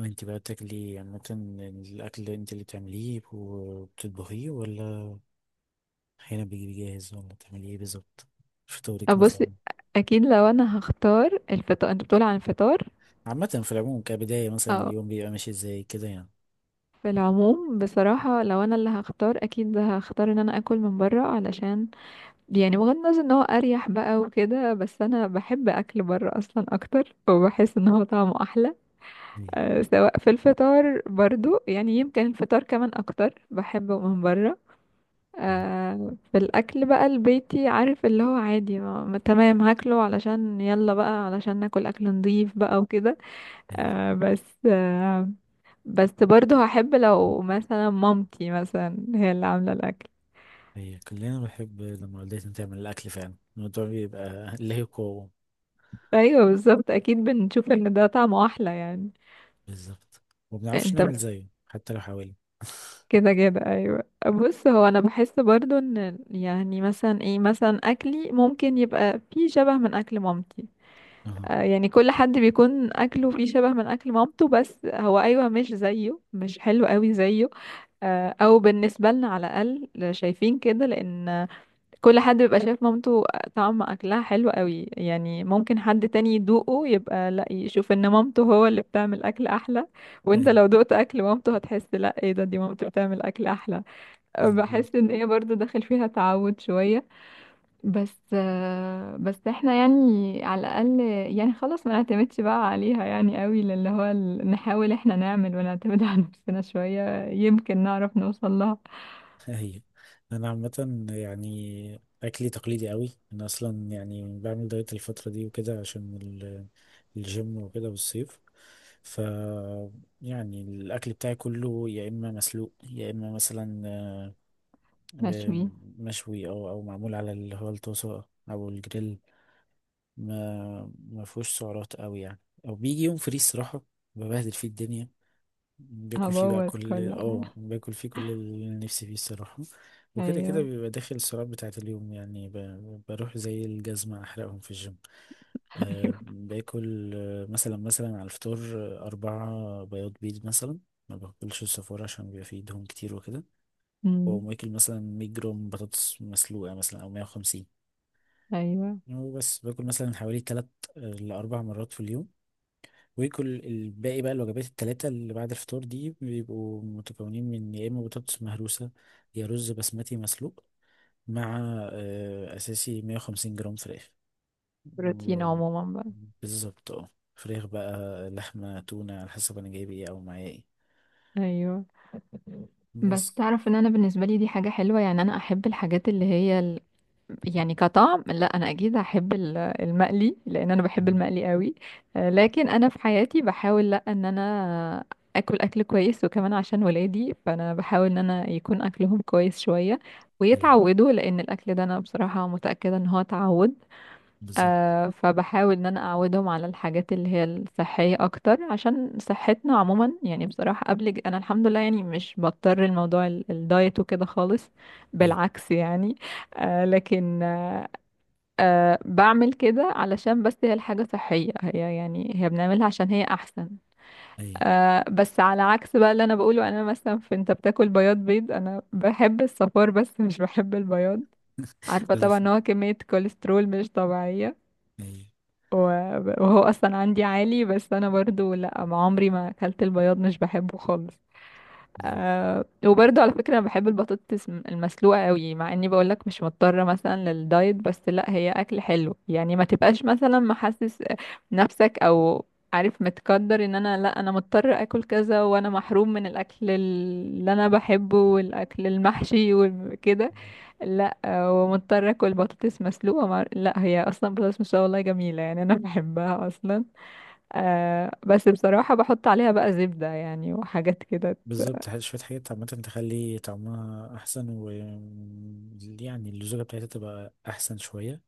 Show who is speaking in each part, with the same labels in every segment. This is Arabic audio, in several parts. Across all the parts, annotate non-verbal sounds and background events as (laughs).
Speaker 1: انت بقى بتاكلي عامة؟ الأكل اللي انت اللي بتعمليه وبتطبخيه، ولا أحيانا بيجي جاهز، ولا بتعملي ايه بالظبط؟ فطورك
Speaker 2: بص،
Speaker 1: مثلا؟
Speaker 2: اكيد لو انا هختار الفطار انت بتقول عن الفطار.
Speaker 1: عامة في العموم كبداية، مثلا
Speaker 2: اه،
Speaker 1: اليوم بيبقى ماشي ازاي كده يعني؟
Speaker 2: في العموم بصراحة لو انا اللي هختار اكيد هختار ان انا اكل من برا، علشان يعني بغض النظر ان هو اريح بقى وكده، بس انا بحب اكل برا اصلا اكتر وبحس ان هو طعمه احلى.
Speaker 1: ايوه.
Speaker 2: أه، سواء في الفطار برضو، يعني يمكن الفطار كمان اكتر بحبه من برا.
Speaker 1: اه.
Speaker 2: أه، في الاكل بقى البيتي عارف اللي هو عادي، تمام هاكله علشان يلا بقى علشان ناكل اكل نضيف بقى وكده.
Speaker 1: ايوه
Speaker 2: آه، بس آه، بس برضه هحب لو مثلا مامتي مثلا هي اللي عاملة الأكل.
Speaker 1: ايوه. كلنا بنحب لما والدتنا تعمل الأكل، فعلا الموضوع بيبقى له قوة.
Speaker 2: أيوة بالظبط، أكيد بنشوف إن ده طعمه أحلى يعني.
Speaker 1: بالظبط، ومبنعرفش
Speaker 2: أنت
Speaker 1: نعمل زيه حتى لو حاولنا.
Speaker 2: كده كده، أيوة بص، هو أنا بحس برضه إن يعني مثلا إيه، مثلا أكلي ممكن يبقى فيه شبه من أكل مامتي.
Speaker 1: اه.
Speaker 2: آه، يعني كل حد بيكون أكله فيه شبه من أكل مامته، بس هو أيوة مش زيه، مش حلو قوي زيه. آه، أو بالنسبة لنا على الأقل، شايفين كده لأن كل حد بيبقى شايف مامته طعم اكلها حلو قوي، يعني ممكن حد تاني يدوقه يبقى لا، يشوف ان مامته هو اللي بتعمل اكل احلى. وانت لو دقت اكل مامته هتحس لا، ايه ده، دي مامته بتعمل اكل احلى. أه، بحس
Speaker 1: (laughs)
Speaker 2: ان هي برضو داخل فيها تعود شوية. بس آه، بس احنا يعني على الاقل يعني خلاص ما نعتمدش بقى عليها يعني قوي، نحاول احنا نعمل ونعتمد (laughs) على نفسنا شوية يمكن نعرف نوصل لها.
Speaker 1: هي، انا عامه يعني اكلي تقليدي قوي، انا اصلا يعني بعمل دايت الفتره دي وكده عشان الجيم وكده والصيف. ف يعني الاكل بتاعي كله يا اما مسلوق، يا اما مثلا آه،
Speaker 2: مشوي.
Speaker 1: مشوي، او معمول على اللي هو الطاسه، او الجريل. ما ما فيهوش سعرات قوي يعني. او بيجي يوم فري الصراحه ببهدل فيه الدنيا، باكل فيه بقى
Speaker 2: هبوظ
Speaker 1: كل،
Speaker 2: كل حاجة.
Speaker 1: باكل فيه كل اللي نفسي فيه الصراحة. وكده كده
Speaker 2: ايوه.
Speaker 1: بيبقى داخل السعرات بتاعة اليوم يعني، بروح زي الجزمة أحرقهم في الجيم.
Speaker 2: (laughs)
Speaker 1: أه
Speaker 2: ايوه.
Speaker 1: باكل، مثلا على الفطار، أربعة بياض بيض مثلا. ما باكلش الصفار عشان بيبقى فيه دهون كتير وكده.
Speaker 2: امم
Speaker 1: وماكل مثلا 100 جرام بطاطس مسلوقة مثلا أو 150.
Speaker 2: ايوه.
Speaker 1: وبس باكل مثلا حوالي تلات، لأربع مرات في اليوم. ويكل الباقي بقى، الوجبات التلاتة اللي بعد الفطار دي بيبقوا متكونين من يا إما بطاطس مهروسة، يا رز بسمتي مسلوق، مع أساسي 150 جرام فراخ.
Speaker 2: بروتين
Speaker 1: و-
Speaker 2: عموما بقى.
Speaker 1: بالظبط، اه فراخ بقى، لحمة، تونة، على حسب أنا جايب ايه أو معايا ايه
Speaker 2: ايوه، بس
Speaker 1: بس.
Speaker 2: تعرف ان انا بالنسبه لي دي حاجه حلوه، يعني انا احب الحاجات اللي هي ال... يعني كطعم لا، انا اكيد هحب المقلي لان انا بحب
Speaker 1: أيوة.
Speaker 2: المقلي قوي. آه، لكن انا في حياتي بحاول لا، ان انا اكل اكل كويس، وكمان عشان ولادي فانا بحاول ان انا يكون اكلهم كويس شويه
Speaker 1: أيوة
Speaker 2: ويتعودوا، لان الاكل ده انا بصراحه متاكده ان هو تعود.
Speaker 1: بالظبط.
Speaker 2: آه، فبحاول ان انا اعودهم على الحاجات اللي هي الصحية اكتر عشان صحتنا عموما، يعني بصراحة قبل انا الحمد لله يعني مش بضطر الموضوع الدايت وكده خالص،
Speaker 1: أيوة.
Speaker 2: بالعكس يعني. آه لكن آه آه، بعمل كده علشان بس هي الحاجة صحية، هي يعني هي بنعملها عشان هي احسن.
Speaker 1: أيوة
Speaker 2: آه، بس على عكس بقى اللي انا بقوله، انا مثلا في، انت بتاكل بياض بيض، انا بحب الصفار بس مش بحب البياض، عارفة طبعا
Speaker 1: لف.
Speaker 2: ان هو كمية كوليسترول مش طبيعية،
Speaker 1: أيوة
Speaker 2: و- وهو اصلا عندي عالي، بس انا برضو لا، ما عمري ما اكلت البياض مش بحبه خالص.
Speaker 1: أيوة
Speaker 2: أه، وبرضو على فكرة انا بحب البطاطس المسلوقة قوي، مع اني بقولك مش مضطرة مثلا للدايت، بس لا هي اكل حلو يعني، ما تبقاش مثلا محسس نفسك، او عارف، متقدر ان انا لا، انا مضطر اكل كذا وانا محروم من الاكل اللي انا بحبه والاكل المحشي وكده، لا. آه، ومضطرة اكل بطاطس مسلوقة مع... لا هي اصلا بطاطس مسلوقة والله جميلة، يعني انا (laughs) بحبها اصلا. أه، بس بصراحة بحط عليها بقى زبدة يعني وحاجات كده
Speaker 1: بالظبط. شوية حاجات عامة تخلي طعمها أحسن، و يعني اللزوجة بتاعتها تبقى أحسن شوية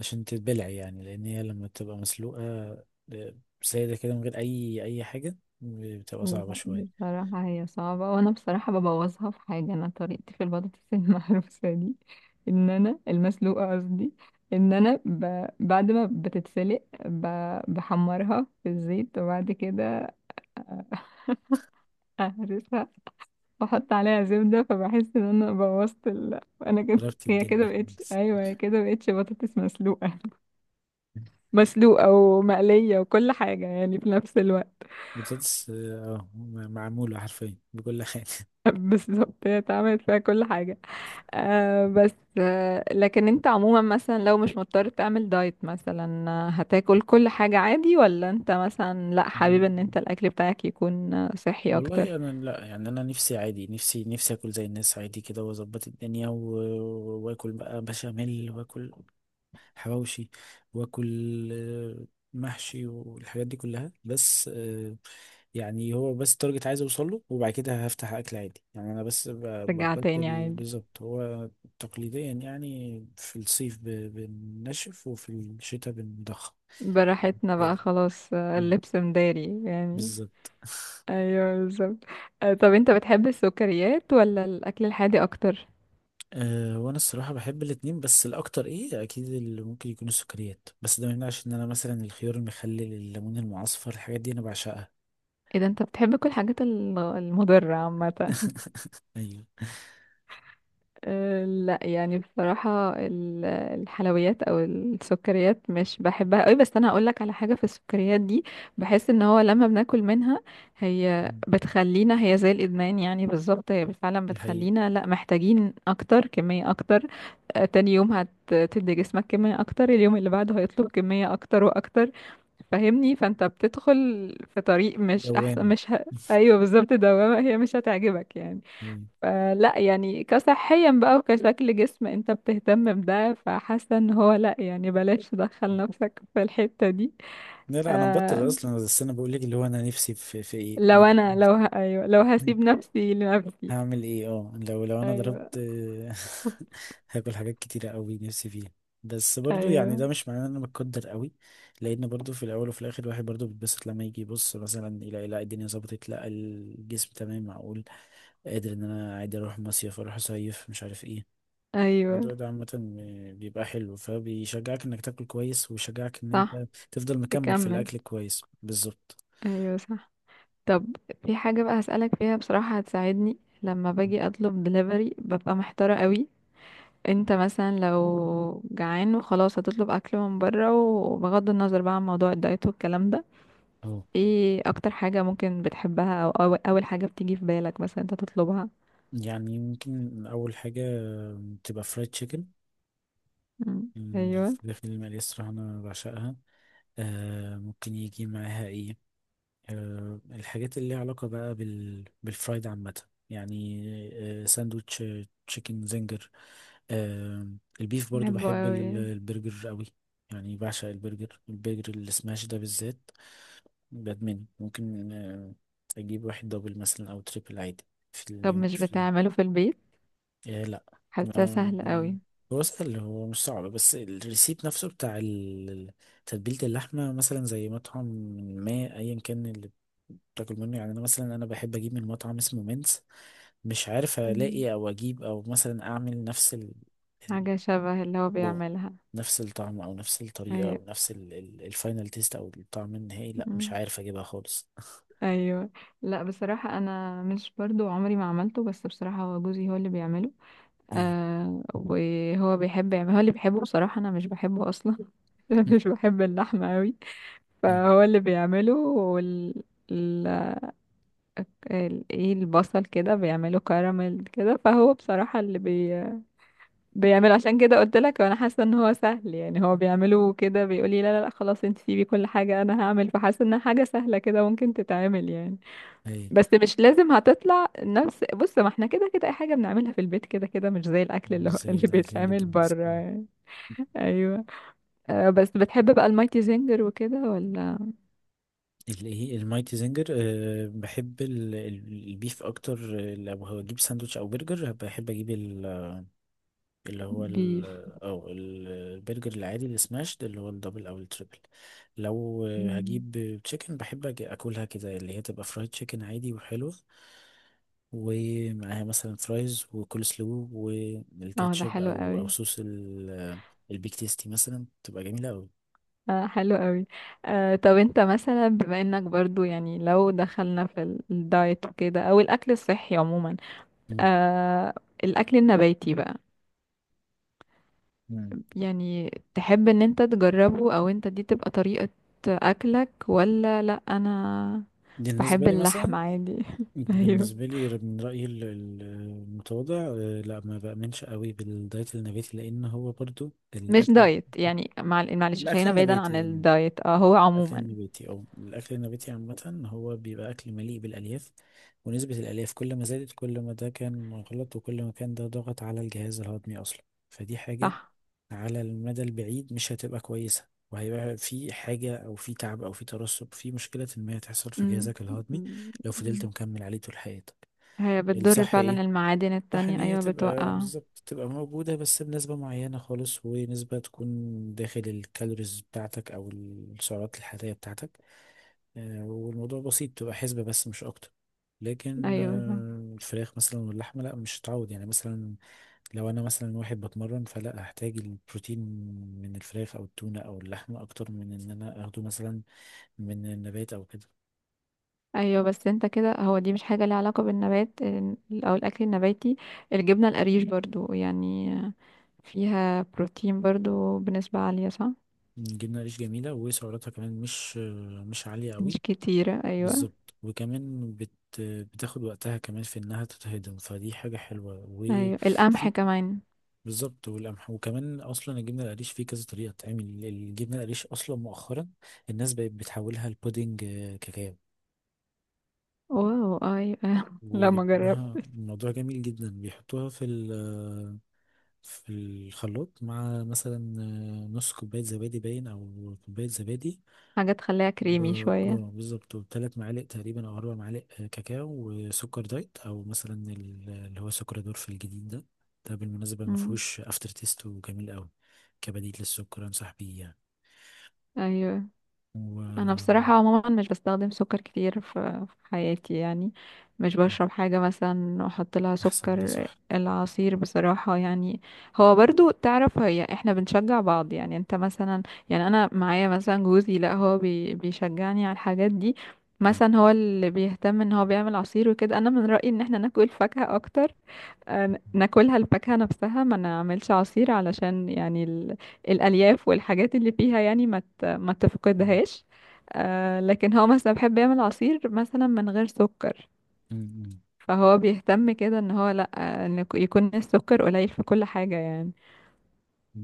Speaker 1: عشان تتبلع يعني، لان هي لما بتبقى مسلوقه آه، ساده كده من غير اي حاجه بتبقى صعبه
Speaker 2: لا،
Speaker 1: شويه.
Speaker 2: بصراحة هي صعبة، وأنا بصراحة ببوظها في حاجة، أنا طريقتي في البطاطس (laughs) المهروسة دي، إن أنا المسلوقة قصدي، إن أنا ب... بعد ما بتتسلق ب... بحمرها في الزيت، وبعد كده أهرسها، بحط عليها زبدة، فبحس ان انا بوظت ال... انا كده
Speaker 1: جربت
Speaker 2: هي كده
Speaker 1: الدنيا
Speaker 2: بقتش،
Speaker 1: خالص.
Speaker 2: ايوه هي كده بقتش بطاطس مسلوقة (laughs) مسلوقة ومقلية وكل حاجة يعني في نفس الوقت.
Speaker 1: البطاطس معموله حرفيا بكل حاجه.
Speaker 2: (laughs) بالظبط، هي اتعملت فيها كل حاجة. آه بس آه لكن انت عموما مثلا لو مش مضطر تعمل دايت مثلا، آه، هتاكل كل حاجة عادي ولا انت مثلا لا حابب ان انت
Speaker 1: (laughs)
Speaker 2: الاكل بتاعك يكون آه، صحي اكتر؟
Speaker 1: والله انا لا، يعني انا نفسي عادي، نفسي اكل زي الناس عادي كده، واظبط الدنيا، واكل بقى بشاميل، واكل حواوشي، واكل محشي والحاجات دي كلها، بس يعني هو بس التارجت عايز اوصل له، وبعد كده هفتح اكل عادي يعني، انا بس
Speaker 2: رجع
Speaker 1: بقتل.
Speaker 2: تاني عادي.
Speaker 1: بالظبط. هو تقليديا يعني في الصيف بنشف، وفي الشتاء بنضخم
Speaker 2: براحتنا
Speaker 1: كده.
Speaker 2: بقى خلاص، آه،
Speaker 1: مم.
Speaker 2: اللبس مداري يعني.
Speaker 1: بالظبط (laughs)
Speaker 2: ايوه بالظبط. آه، طب انت بتحب السكريات ولا الاكل الحادق اكتر؟
Speaker 1: أه، وانا الصراحه بحب الاتنين، بس الاكتر ايه اكيد اللي ممكن يكون السكريات، بس ده ما يمنعش ان انا مثلا الخيار المخلل، الليمون المعصفر، الحاجات دي انا بعشقها.
Speaker 2: ايه ده، انت بتحب كل الحاجات المضرة عامة. (laughs)
Speaker 1: (laughs) ايوه.
Speaker 2: آه، لا يعني بصراحة الحلويات او السكريات مش بحبها قوي، بس انا هقولك على حاجة، في السكريات دي بحس ان هو لما بناكل منها هي بتخلينا، هي زي الادمان يعني بالظبط، هي فعلا
Speaker 1: دي حقيقة.
Speaker 2: بتخلينا لا، محتاجين اكتر، كمية اكتر. آه، تاني يوم هتدي جسمك كمية اكتر، اليوم اللي بعده هيطلب كمية اكتر واكتر، فاهمني؟ فانت بتدخل في طريق مش
Speaker 1: دوام.
Speaker 2: احسن، مش ه... ايوه بالظبط، دوامة هي مش هتعجبك يعني.
Speaker 1: يعني.
Speaker 2: فلا يعني كصحيا بقى وكشكل جسم انت بتهتم بده، فحاسه ان هو لا، يعني بلاش تدخل نفسك في الحتة دي.
Speaker 1: لا لا، انا
Speaker 2: آه،
Speaker 1: مبطل اصلا، بس انا بقول لك اللي هو انا نفسي في ايه
Speaker 2: لو
Speaker 1: (laughs)
Speaker 2: انا لو ه... ايوه لو
Speaker 1: مم.
Speaker 2: هسيب نفسي لنفسي.
Speaker 1: هعمل ايه؟ اه، لو انا
Speaker 2: ايوه.
Speaker 1: ضربت، (laughs) هاكل حاجات كتيرة قوي نفسي فيها. بس برضو يعني
Speaker 2: ايوه.
Speaker 1: ده مش معناه ان انا متقدر قوي، لان برضو في الاول وفي الاخر الواحد برضو بيتبسط لما يجي يبص مثلا يلاقي لا الدنيا ظبطت، لا الجسم تمام، معقول قادر ان انا عادي اروح مصيف، اروح اصيف، مش عارف ايه.
Speaker 2: ايوه
Speaker 1: الموضوع ده عامة بيبقى حلو، فبيشجعك انك تاكل كويس، ويشجعك ان
Speaker 2: صح،
Speaker 1: انت تفضل مكمل في
Speaker 2: تكمل.
Speaker 1: الاكل كويس بالظبط.
Speaker 2: ايوه صح. طب، في حاجة بقى هسألك فيها، بصراحة هتساعدني لما باجي اطلب دليفري ببقى محتارة قوي. انت مثلا لو جعان وخلاص هتطلب اكل من بره، وبغض النظر بقى عن موضوع الدايت والكلام ده،
Speaker 1: اهو.
Speaker 2: ايه اكتر حاجة ممكن بتحبها او اول حاجة بتيجي في بالك مثلا انت تطلبها؟
Speaker 1: يعني يمكن اول حاجة تبقى فرايد تشيكن،
Speaker 2: مم. ايوه.
Speaker 1: الفراخ المقلية الصراحة انا بعشقها. آه، ممكن يجي معاها ايه، الحاجات اللي ليها علاقة بقى بالفرايد عامة يعني، ساندوتش، تشيكن زنجر. آه، البيف برضو
Speaker 2: بحبه
Speaker 1: بحب
Speaker 2: قوي.
Speaker 1: البرجر قوي، يعني بعشق البرجر، البرجر السماش ده بالذات بدمنه، ممكن أجيب واحد دبل مثلا أو تريبل عادي في
Speaker 2: طب
Speaker 1: اليوم،
Speaker 2: مش
Speaker 1: في.
Speaker 2: بتعمله في البيت؟
Speaker 1: إيه لا،
Speaker 2: حاساه
Speaker 1: ما-
Speaker 2: سهل قوي.
Speaker 1: هو سهل، هو مش صعب، بس الريسيب نفسه بتاع تتبيلة اللحمة مثلا زي مطعم ما، أيا كان اللي بتاكل منه يعني. أنا مثلا بحب أجيب من مطعم اسمه مينز، مش عارف
Speaker 2: مم.
Speaker 1: ألاقي أو أجيب أو مثلا أعمل نفس ال-
Speaker 2: حاجة شبه اللي هو
Speaker 1: واو،
Speaker 2: بيعملها.
Speaker 1: نفس الطعم أو نفس الطريقة
Speaker 2: ايوه.
Speaker 1: أو نفس الفاينل تيست، أو الطعم النهائي، لا مش
Speaker 2: مم.
Speaker 1: عارف أجيبها خالص (laughs)
Speaker 2: ايوه. لا بصراحة انا مش برضو عمري ما عملته، بس بصراحة هو جوزي هو اللي بيعمله.
Speaker 1: أيوه.
Speaker 2: آه، وهو بيحب يعمل، هو اللي بيحبه، بصراحة انا مش بحبه اصلا. (laughs) مش
Speaker 1: (laughs)
Speaker 2: بحب اللحمة قوي.
Speaker 1: أيوه.
Speaker 2: فهو اللي بيعمله وال، ال... ال... ايه، البصل كده بيعمله كراميل كده، فهو بصراحة اللي بي... بيعمله، عشان كده قلت لك وانا حاسة ان هو سهل، يعني هو بيعمله كده بيقولي لا لا لا خلاص انت سيبي كل حاجة انا هعمل، فحاسة انها حاجة سهلة كده ممكن تتعمل يعني.
Speaker 1: أيوه.
Speaker 2: بس مش لازم هتطلع نفس، بص ما احنا كده كده اي حاجة بنعملها في البيت كده كده مش زي الاكل
Speaker 1: مش
Speaker 2: اللي هو (laughs)
Speaker 1: زي
Speaker 2: اللي
Speaker 1: الأكل اللي
Speaker 2: بيتعمل
Speaker 1: بينزل.
Speaker 2: بره يعني. ايوه. آه، بس بتحب بقى المايتي زنجر وكده ولا؟
Speaker 1: الايه، المايتي زنجر؟ أه بحب البيف اكتر، لو هجيب ساندوتش او برجر بحب اجيب ال- اللي هو ال
Speaker 2: بيف.
Speaker 1: او البرجر العادي السماش ده اللي هو الدبل او التريبل. لو
Speaker 2: مم.
Speaker 1: هجيب تشيكن بحب اكلها كده اللي هي تبقى فرايد تشيكن عادي وحلوة، ومعاها مثلا فرايز وكول سلو
Speaker 2: اه ده
Speaker 1: والكاتشب،
Speaker 2: حلو
Speaker 1: او
Speaker 2: قوي.
Speaker 1: صوص البيك تيستي مثلا، تبقى جميلة قوي.
Speaker 2: آه حلو قوي. آه، طب انت مثلا بما انك برضو يعني لو دخلنا في الدايت وكده او الاكل الصحي عموما،
Speaker 1: مم.
Speaker 2: آه، الاكل النباتي بقى،
Speaker 1: مم.
Speaker 2: يعني تحب ان انت تجربه او انت دي تبقى طريقة اكلك ولا لا؟ انا
Speaker 1: دي بالنسبة
Speaker 2: بحب
Speaker 1: لي مثلا.
Speaker 2: اللحمة عادي. (laughs) ايوه.
Speaker 1: بالنسبة لي من رأيي المتواضع، لا، ما بأمنش قوي بالدايت النباتي، لأن هو برضو
Speaker 2: مش
Speaker 1: الأكل،
Speaker 2: دايت يعني معلش،
Speaker 1: الأكل
Speaker 2: خلينا بعيدا عن
Speaker 1: النباتي يعني،
Speaker 2: الدايت، اه هو
Speaker 1: الأكل
Speaker 2: عموما.
Speaker 1: النباتي أو الأكل النباتي عامة هو بيبقى أكل مليء بالألياف. ونسبة الألياف كل ما زادت كل ما ده كان غلط، وكل ما كان ده ضغط على الجهاز الهضمي أصلا. فدي حاجة
Speaker 2: صح.
Speaker 1: على المدى البعيد مش هتبقى كويسة، وهيبقى في حاجة أو في تعب أو في ترسب، في مشكلة ما هتحصل في
Speaker 2: مم.
Speaker 1: جهازك الهضمي لو فضلت مكمل عليه طول حياتك.
Speaker 2: هي بتضر
Speaker 1: الصح
Speaker 2: فعلا
Speaker 1: إيه؟
Speaker 2: المعادن
Speaker 1: صح ان
Speaker 2: التانية،
Speaker 1: هي
Speaker 2: ايوه
Speaker 1: تبقى
Speaker 2: بتوقع.
Speaker 1: بالظبط تبقى موجودة بس بنسبة معينة خالص، ونسبة تكون داخل الكالوريز بتاعتك او السعرات الحرارية بتاعتك، والموضوع بسيط، تبقى حسبة بس مش اكتر. لكن
Speaker 2: ايوه صح.
Speaker 1: الفراخ مثلا واللحمة لا، مش هتعود يعني. مثلا لو انا مثلا واحد بتمرن، فلا هحتاج البروتين من الفراخ او التونة او اللحمة اكتر من ان انا اخده مثلا من النبات او كده.
Speaker 2: ايوه، بس انت كده هو دي مش حاجة ليها علاقة بالنبات او الاكل النباتي. الجبنة القريش برضو يعني فيها بروتين برضو بنسبة عالية، صح؟
Speaker 1: جبنة قريش جميلة، وسعراتها كمان مش، مش عالية قوي.
Speaker 2: مش كتيرة، ايوه.
Speaker 1: بالظبط، وكمان بتاخد وقتها كمان في انها تتهضم، فدي حاجة حلوة،
Speaker 2: ايوه، القمح
Speaker 1: وفي.
Speaker 2: كمان.
Speaker 1: بالظبط، والقمح، وكمان اصلا الجبنة القريش فيه كذا طريقة تعمل الجبنة القريش. اصلا مؤخرا الناس بقت بتحولها لبودنج كاكاو،
Speaker 2: واو، ايوه. (laughs) لا ما
Speaker 1: وبيعملوها،
Speaker 2: جربت.
Speaker 1: الموضوع جميل جدا، بيحطوها في في الخلاط مع مثلا نص كوباية زبادي باين أو كوباية زبادي.
Speaker 2: حاجة تخليها كريمي
Speaker 1: اه
Speaker 2: شوية.
Speaker 1: بالظبط، وثلاث معالق تقريبا او اربع معالق كاكاو، وسكر دايت او مثلا اللي هو سكر دورف الجديد ده. ده بالمناسبه ما
Speaker 2: مم.
Speaker 1: فيهوش افتر تيست وجميل قوي، كبديل للسكر انصح بيه يعني.
Speaker 2: ايوه.
Speaker 1: و
Speaker 2: انا
Speaker 1: آه،
Speaker 2: بصراحه عموما مش بستخدم سكر كتير في في حياتي يعني، مش بشرب حاجه مثلا احط لها
Speaker 1: احسن ده
Speaker 2: سكر،
Speaker 1: صح.
Speaker 2: العصير بصراحه يعني. هو برضو تعرف هي احنا بنشجع بعض، يعني انت مثلا، يعني انا معايا مثلا جوزي، لا هو بيشجعني على الحاجات دي،
Speaker 1: (laughs) م-
Speaker 2: مثلا هو اللي بيهتم ان هو بيعمل عصير وكده، انا من رايي ان احنا ناكل فاكهه اكتر. آه، ناكلها الفاكهة نفسها، ما نعملش عصير علشان يعني ال... الألياف والحاجات اللي فيها يعني ما ت... ما تفقدهاش. آه، لكن هو مثلا بيحب يعمل عصير مثلا من غير سكر،
Speaker 1: م-
Speaker 2: فهو بيهتم كده ان هو لا، آه، ان يكون السكر قليل في كل حاجة يعني.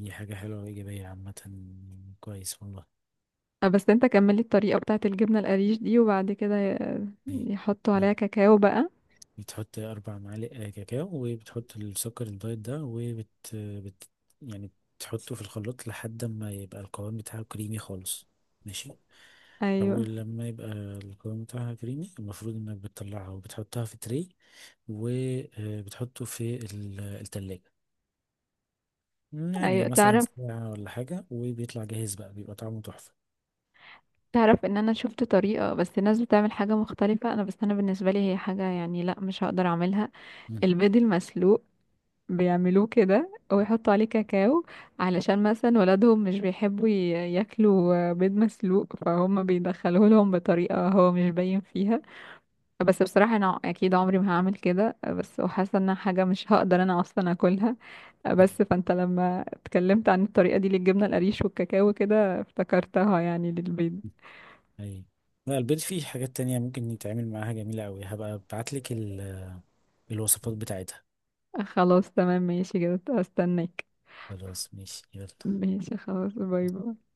Speaker 1: دي حاجه حلوه وايجابيه عامه، كويس والله.
Speaker 2: آه، بس انت كملي الطريقة بتاعة الجبنة القريش دي، وبعد كده
Speaker 1: إيه.
Speaker 2: يحطوا عليها كاكاو بقى؟
Speaker 1: بتحط أربع معالق كاكاو، وبتحط السكر الدايت ده، وبت بت يعني تحطه في الخلاط لحد ما يبقى القوام بتاعه كريمي خالص، ماشي.
Speaker 2: ايوه.
Speaker 1: أول لما يبقى القوام بتاعها كريمي، المفروض إنك بتطلعها وبتحطها في تري، وبتحطه في التلاجة يعني
Speaker 2: ايوه
Speaker 1: مثلا
Speaker 2: تعرف،
Speaker 1: ساعة ولا حاجة، وبيطلع جاهز بقى، بيبقى طعمه تحفة.
Speaker 2: تعرف ان انا شفت طريقة، بس الناس بتعمل حاجة مختلفة انا، بس انا بالنسبة لي هي حاجة يعني لا، مش هقدر اعملها.
Speaker 1: مم.
Speaker 2: البيض المسلوق بيعملوه كده ويحطوا عليه كاكاو، علشان مثلا ولادهم مش بيحبوا ياكلوا بيض مسلوق، فهم بيدخلوه لهم بطريقة هو مش باين فيها، بس بصراحة انا اكيد عمري ما هعمل كده، بس وحاسة انها حاجة مش هقدر انا اصلا اكلها. بس فانت لما اتكلمت عن الطريقة دي للجبنة القريش والكاكاو كده افتكرتها يعني للبيض.
Speaker 1: أي. لا، البيض فيه حاجات تانية ممكن يتعمل معاها جميلة أوي، هبقى أبعتلك الوصفات بتاعتها.
Speaker 2: خلاص تمام ماشي كده، استناك.
Speaker 1: خلاص ماشي يلا.
Speaker 2: ماشي خلاص، باي باي.